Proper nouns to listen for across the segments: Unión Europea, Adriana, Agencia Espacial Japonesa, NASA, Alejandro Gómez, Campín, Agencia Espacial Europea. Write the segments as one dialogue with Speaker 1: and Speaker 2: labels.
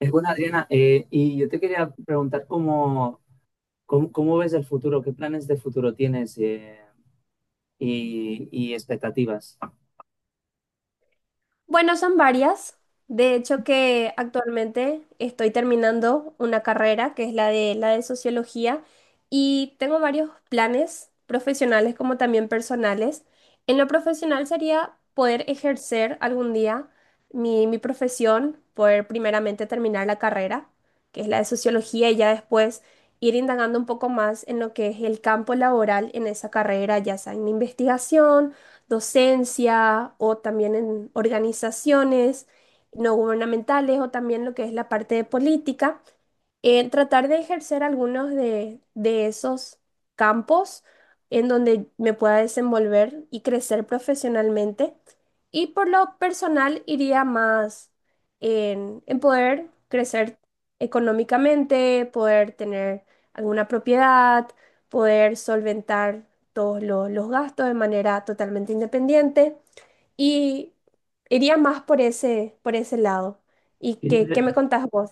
Speaker 1: Es buena, Adriana. Y yo te quería preguntar cómo ves el futuro, qué planes de futuro tienes y expectativas.
Speaker 2: Bueno, son varias. De hecho, que actualmente estoy terminando una carrera que es la de sociología y tengo varios planes profesionales como también personales. En lo profesional sería poder ejercer algún día mi profesión, poder primeramente terminar la carrera, que es la de sociología, y ya después ir indagando un poco más en lo que es el campo laboral en esa carrera, ya sea en investigación docencia o también en organizaciones no gubernamentales o también lo que es la parte de política en tratar de ejercer algunos de esos campos en donde me pueda desenvolver y crecer profesionalmente. Y por lo personal iría más en poder crecer económicamente, poder tener alguna propiedad, poder solventar los gastos de manera totalmente independiente. Y iría más por ese lado. ¿Y
Speaker 1: Qué
Speaker 2: qué me
Speaker 1: inter-
Speaker 2: contás vos?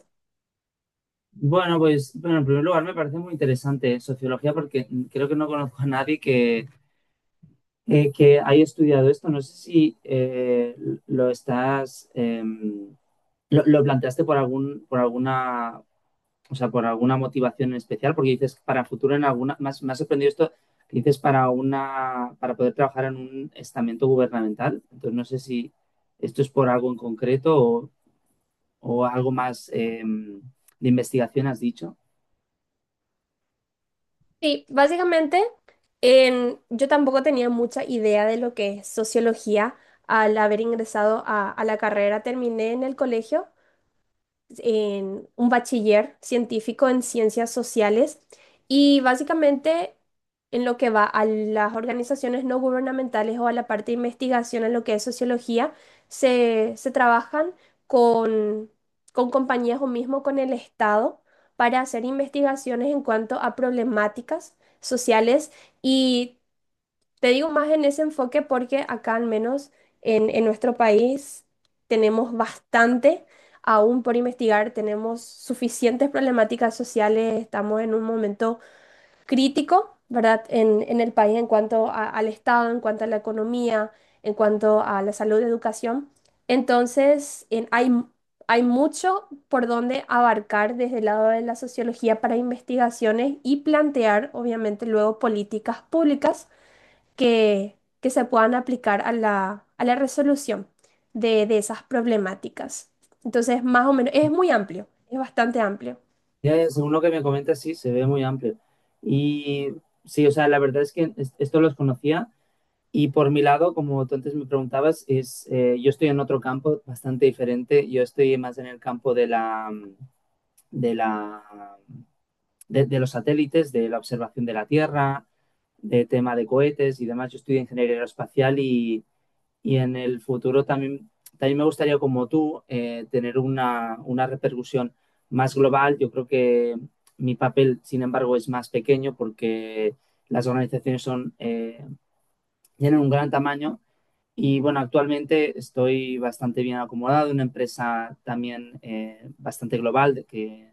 Speaker 1: Bueno, pues, en primer lugar me parece muy interesante sociología porque creo que no conozco a nadie que haya estudiado esto. No sé si lo estás, lo planteaste por por alguna o sea, por alguna motivación en especial, porque dices para futuro en alguna, más, me ha sorprendido esto, que dices para poder trabajar en un estamento gubernamental. Entonces no sé si esto es por algo en concreto o algo más de investigación has dicho.
Speaker 2: Sí, básicamente yo tampoco tenía mucha idea de lo que es sociología al haber ingresado a la carrera. Terminé en el colegio en un bachiller científico en ciencias sociales y básicamente en lo que va a las organizaciones no gubernamentales o a la parte de investigación en lo que es sociología, se trabajan con, con compañías o mismo con el Estado para hacer investigaciones en cuanto a problemáticas sociales. Y te digo más en ese enfoque porque acá al menos en nuestro país tenemos bastante aún por investigar, tenemos suficientes problemáticas sociales, estamos en un momento crítico, ¿verdad? En el país en cuanto al Estado, en cuanto a la economía, en cuanto a la salud y educación. Entonces, hay mucho por donde abarcar desde el lado de la sociología para investigaciones y plantear, obviamente, luego políticas públicas que se puedan aplicar a a la resolución de esas problemáticas. Entonces, más o menos, es muy amplio, es bastante amplio.
Speaker 1: Ya, según lo que me comentas, sí, se ve muy amplio. Y sí, o sea, la verdad es que esto los conocía. Y por mi lado, como tú antes me preguntabas, es, yo estoy en otro campo bastante diferente. Yo estoy más en el campo de, la, de los satélites, de la observación de la Tierra, de tema de cohetes y demás. Yo estudio ingeniería aeroespacial y en el futuro también, también me gustaría, como tú, tener una repercusión más global. Yo creo que mi papel, sin embargo, es más pequeño porque las organizaciones tienen un gran tamaño. Y bueno, actualmente estoy bastante bien acomodado, en una empresa también bastante global, de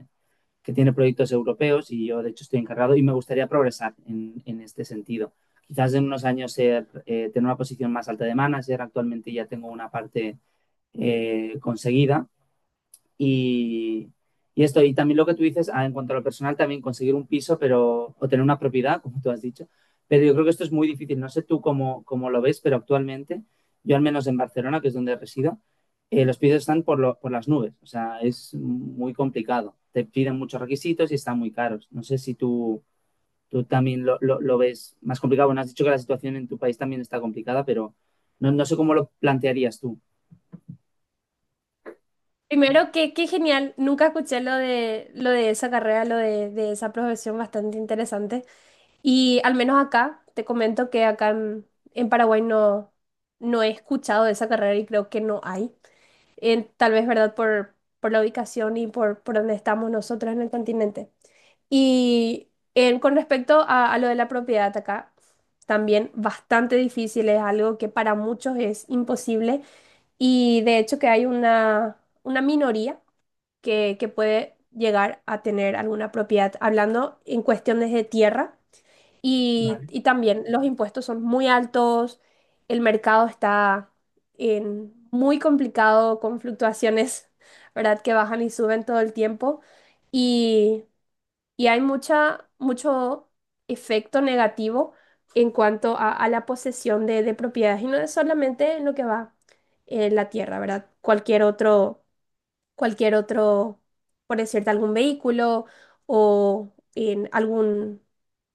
Speaker 1: que tiene proyectos europeos y yo de hecho estoy encargado y me gustaría progresar en este sentido. Quizás en unos años tener una posición más alta de manager, actualmente ya tengo una parte conseguida y, y esto, y también lo que tú dices, ah, en cuanto a lo personal, también conseguir un piso pero, o tener una propiedad, como tú has dicho. Pero yo creo que esto es muy difícil. No sé tú cómo lo ves, pero actualmente, yo al menos en Barcelona, que es donde resido, los pisos están por las nubes. O sea, es muy complicado. Te piden muchos requisitos y están muy caros. No sé si tú también lo ves más complicado. Bueno, has dicho que la situación en tu país también está complicada, pero no, no sé cómo lo plantearías tú.
Speaker 2: Primero, que qué genial, nunca escuché lo de esa carrera, de esa profesión bastante interesante. Y al menos acá, te comento que acá en Paraguay no he escuchado de esa carrera y creo que no hay. Tal vez, ¿verdad? Por la ubicación y por donde estamos nosotros en el continente. Y con respecto a lo de la propiedad acá, también bastante difícil, es algo que para muchos es imposible, y de hecho que hay una minoría que puede llegar a tener alguna propiedad, hablando en cuestiones de tierra, y también los impuestos son muy altos, el mercado está en muy complicado con fluctuaciones, ¿verdad? Que bajan y suben todo el tiempo. Y hay mucho efecto negativo en cuanto a la posesión de propiedades. Y no es solamente en lo que va en la tierra, ¿verdad? Cualquier otro, por decirte, algún vehículo o en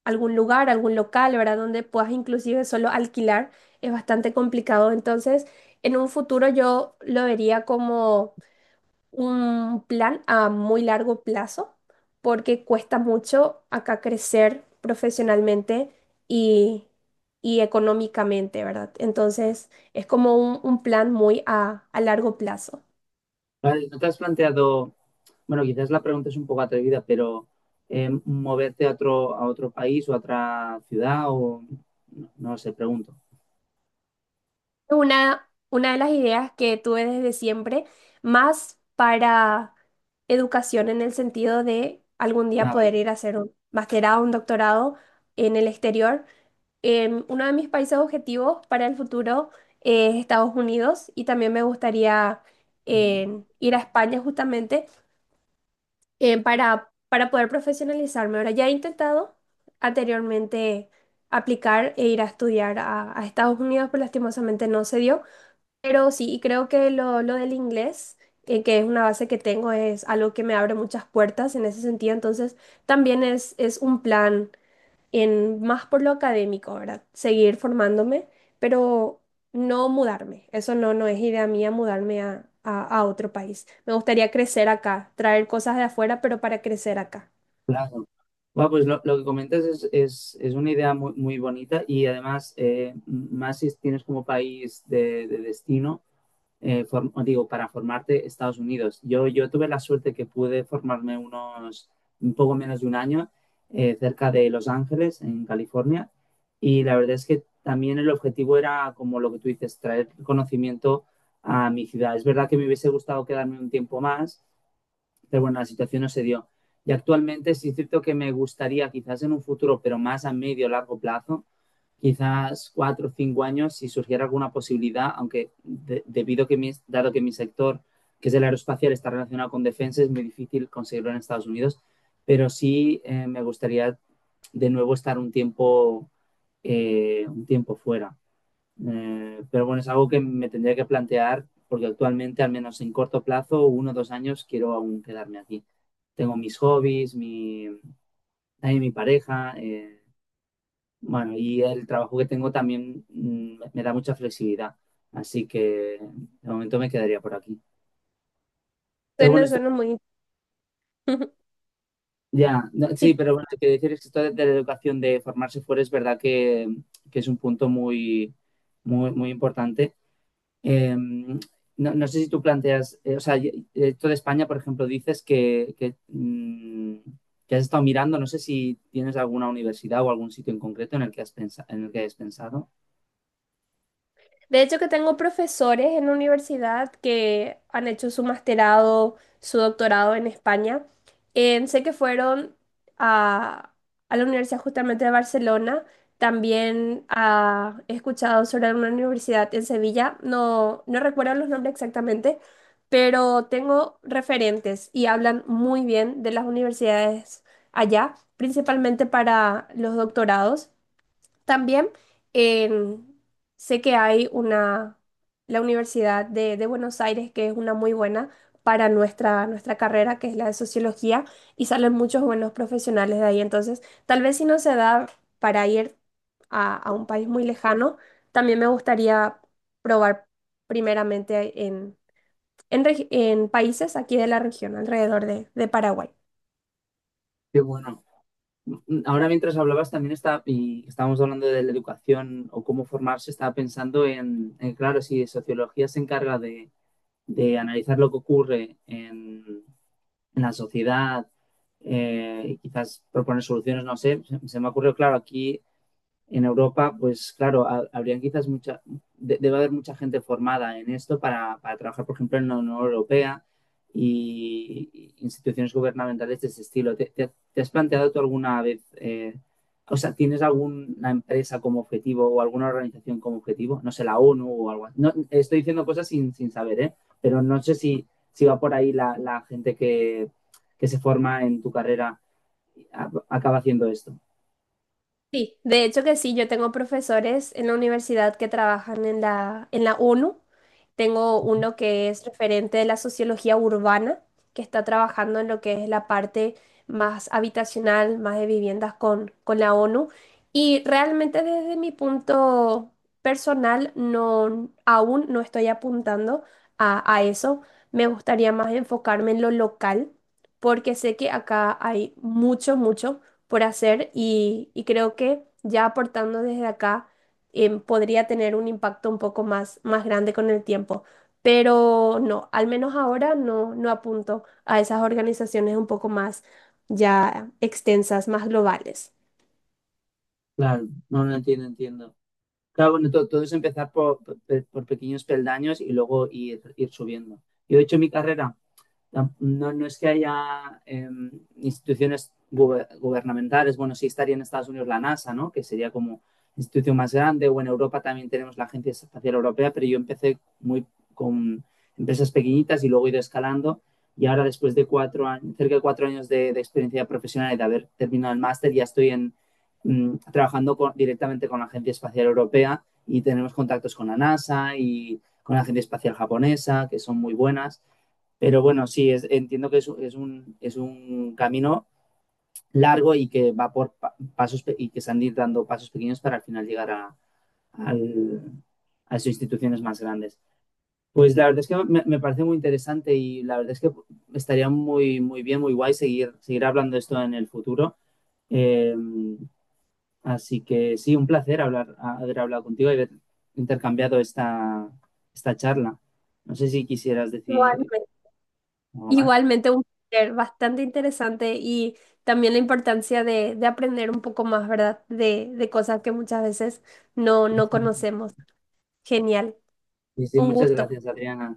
Speaker 2: algún lugar, algún local, ¿verdad? Donde puedas inclusive solo alquilar, es bastante complicado. Entonces, en un futuro yo lo vería como un plan a muy largo plazo porque cuesta mucho acá crecer profesionalmente y, y económicamente, ¿verdad? Entonces es como un plan muy a largo plazo.
Speaker 1: Vale, ¿no te has planteado, bueno, quizás la pregunta es un poco atrevida, pero moverte a a otro país o a otra ciudad o no, no sé, pregunto.
Speaker 2: Una de las ideas que tuve desde siempre, más para educación en el sentido de algún día
Speaker 1: Ah, vale.
Speaker 2: poder ir a hacer un masterado, un doctorado en el exterior. Uno de mis países objetivos para el futuro es Estados Unidos y también me gustaría ir a España justamente, para poder profesionalizarme. Ahora ya he intentado anteriormente aplicar e ir a estudiar a Estados Unidos, pero lastimosamente no se dio. Pero sí, y creo que lo del inglés, que es una base que tengo, es algo que me abre muchas puertas en ese sentido. Entonces, también es un plan en más por lo académico, ¿verdad? Seguir formándome, pero no mudarme. Eso no es idea mía mudarme a otro país. Me gustaría crecer acá, traer cosas de afuera, pero para crecer acá.
Speaker 1: Claro. Bueno, pues lo que comentas es una idea muy bonita y además, más si tienes como país de destino, digo, para formarte Estados Unidos. Yo tuve la suerte que pude formarme unos, un poco menos de un año cerca de Los Ángeles, en California, y la verdad es que también el objetivo era, como lo que tú dices, traer conocimiento a mi ciudad. Es verdad que me hubiese gustado quedarme un tiempo más, pero bueno, la situación no se dio. Y actualmente sí es cierto que me gustaría, quizás en un futuro, pero más a medio o largo plazo, quizás 4 o 5 años, si surgiera alguna posibilidad, aunque debido a que mi, dado que mi sector, que es el aeroespacial, está relacionado con defensa, es muy difícil conseguirlo en Estados Unidos, pero sí me gustaría de nuevo estar un tiempo fuera. Pero bueno, es algo que me tendría que plantear porque actualmente, al menos en corto plazo, 1 o 2 años, quiero aún quedarme aquí. Tengo mis hobbies, también mi pareja, bueno, y el trabajo que tengo también me da mucha flexibilidad. Así que de momento me quedaría por aquí. Pero bueno,
Speaker 2: Suena muy...
Speaker 1: no,
Speaker 2: Si
Speaker 1: sí, pero bueno, hay que decir es que esto de la educación de formarse fuera es verdad que es un punto muy importante. Eh, no, no sé si tú planteas, o sea, esto de España, por ejemplo, dices que has estado mirando, no sé si tienes alguna universidad o algún sitio en concreto en el que has pensado, en el que hayas pensado.
Speaker 2: De hecho, que tengo profesores en la universidad que han hecho su masterado, su doctorado en España. Sé que fueron a, a la Universidad justamente de Barcelona. También he escuchado sobre una universidad en Sevilla. No recuerdo los nombres exactamente, pero tengo referentes y hablan muy bien de las universidades allá, principalmente para los doctorados. También en- sé que hay una, la Universidad de Buenos Aires, que es una muy buena para nuestra carrera, que es la de sociología, y salen muchos buenos profesionales de ahí. Entonces, tal vez si no se da para ir a un país muy lejano, también me gustaría probar primeramente en países aquí de la región, alrededor de Paraguay.
Speaker 1: Qué bueno. Ahora mientras hablabas también y estábamos hablando de la educación o cómo formarse, estaba pensando en claro, si sociología se encarga de analizar lo que ocurre en la sociedad y quizás proponer soluciones, no sé, se me ocurrió, claro, aquí en Europa, pues claro, habría quizás mucha, debe haber mucha gente formada en esto para trabajar, por ejemplo, en la Unión Europea y instituciones gubernamentales de ese estilo. Te has planteado tú alguna vez, o sea, tienes alguna empresa como objetivo o alguna organización como objetivo? No sé, la ONU o algo así. No, estoy diciendo cosas sin saber, ¿eh? Pero no sé si, si va por ahí la gente que se forma en tu carrera, acaba haciendo esto.
Speaker 2: Sí, de hecho que sí, yo tengo profesores en la universidad que trabajan en en la ONU. Tengo uno que es referente de la sociología urbana, que está trabajando en lo que es la parte más habitacional, más de viviendas con la ONU. Y realmente desde mi punto personal, no, aún no estoy apuntando a eso. Me gustaría más enfocarme en lo local, porque sé que acá hay mucho por hacer, y creo que ya aportando desde acá podría tener un impacto un poco más, más grande con el tiempo. Pero no, al menos ahora no, no apunto a esas organizaciones un poco más ya extensas, más globales.
Speaker 1: Claro, no, no entiendo, entiendo. Claro, bueno, todo, es empezar por pequeños peldaños y luego ir subiendo. Yo he hecho mi carrera no, no es que haya instituciones gubernamentales, bueno, sí estaría en Estados Unidos la NASA, ¿no? Que sería como institución más grande, o en Europa también tenemos la Agencia Espacial Europea, pero yo empecé muy con empresas pequeñitas y luego he ido escalando y ahora después de 4 años, cerca de 4 años experiencia profesional y de haber terminado el máster, ya estoy en, trabajando con, directamente con la Agencia Espacial Europea y tenemos contactos con la NASA y con la Agencia Espacial Japonesa, que son muy buenas. Pero bueno, sí, entiendo que es un camino largo y que va por pasos y que se han de dando pasos pequeños para al final llegar al- a esas instituciones más grandes. Pues la verdad es que me parece muy interesante y la verdad es que estaría muy bien, muy guay seguir hablando de esto en el futuro. Eh, Así que sí, un placer hablar, haber hablado contigo y haber intercambiado esta charla. No sé si quisieras decir
Speaker 2: Igualmente,
Speaker 1: algo más.
Speaker 2: igualmente un placer, bastante interesante, y también la importancia de aprender un poco más, ¿verdad? De cosas que muchas veces no conocemos. Genial,
Speaker 1: Y sí,
Speaker 2: un
Speaker 1: muchas
Speaker 2: gusto.
Speaker 1: gracias, Adriana.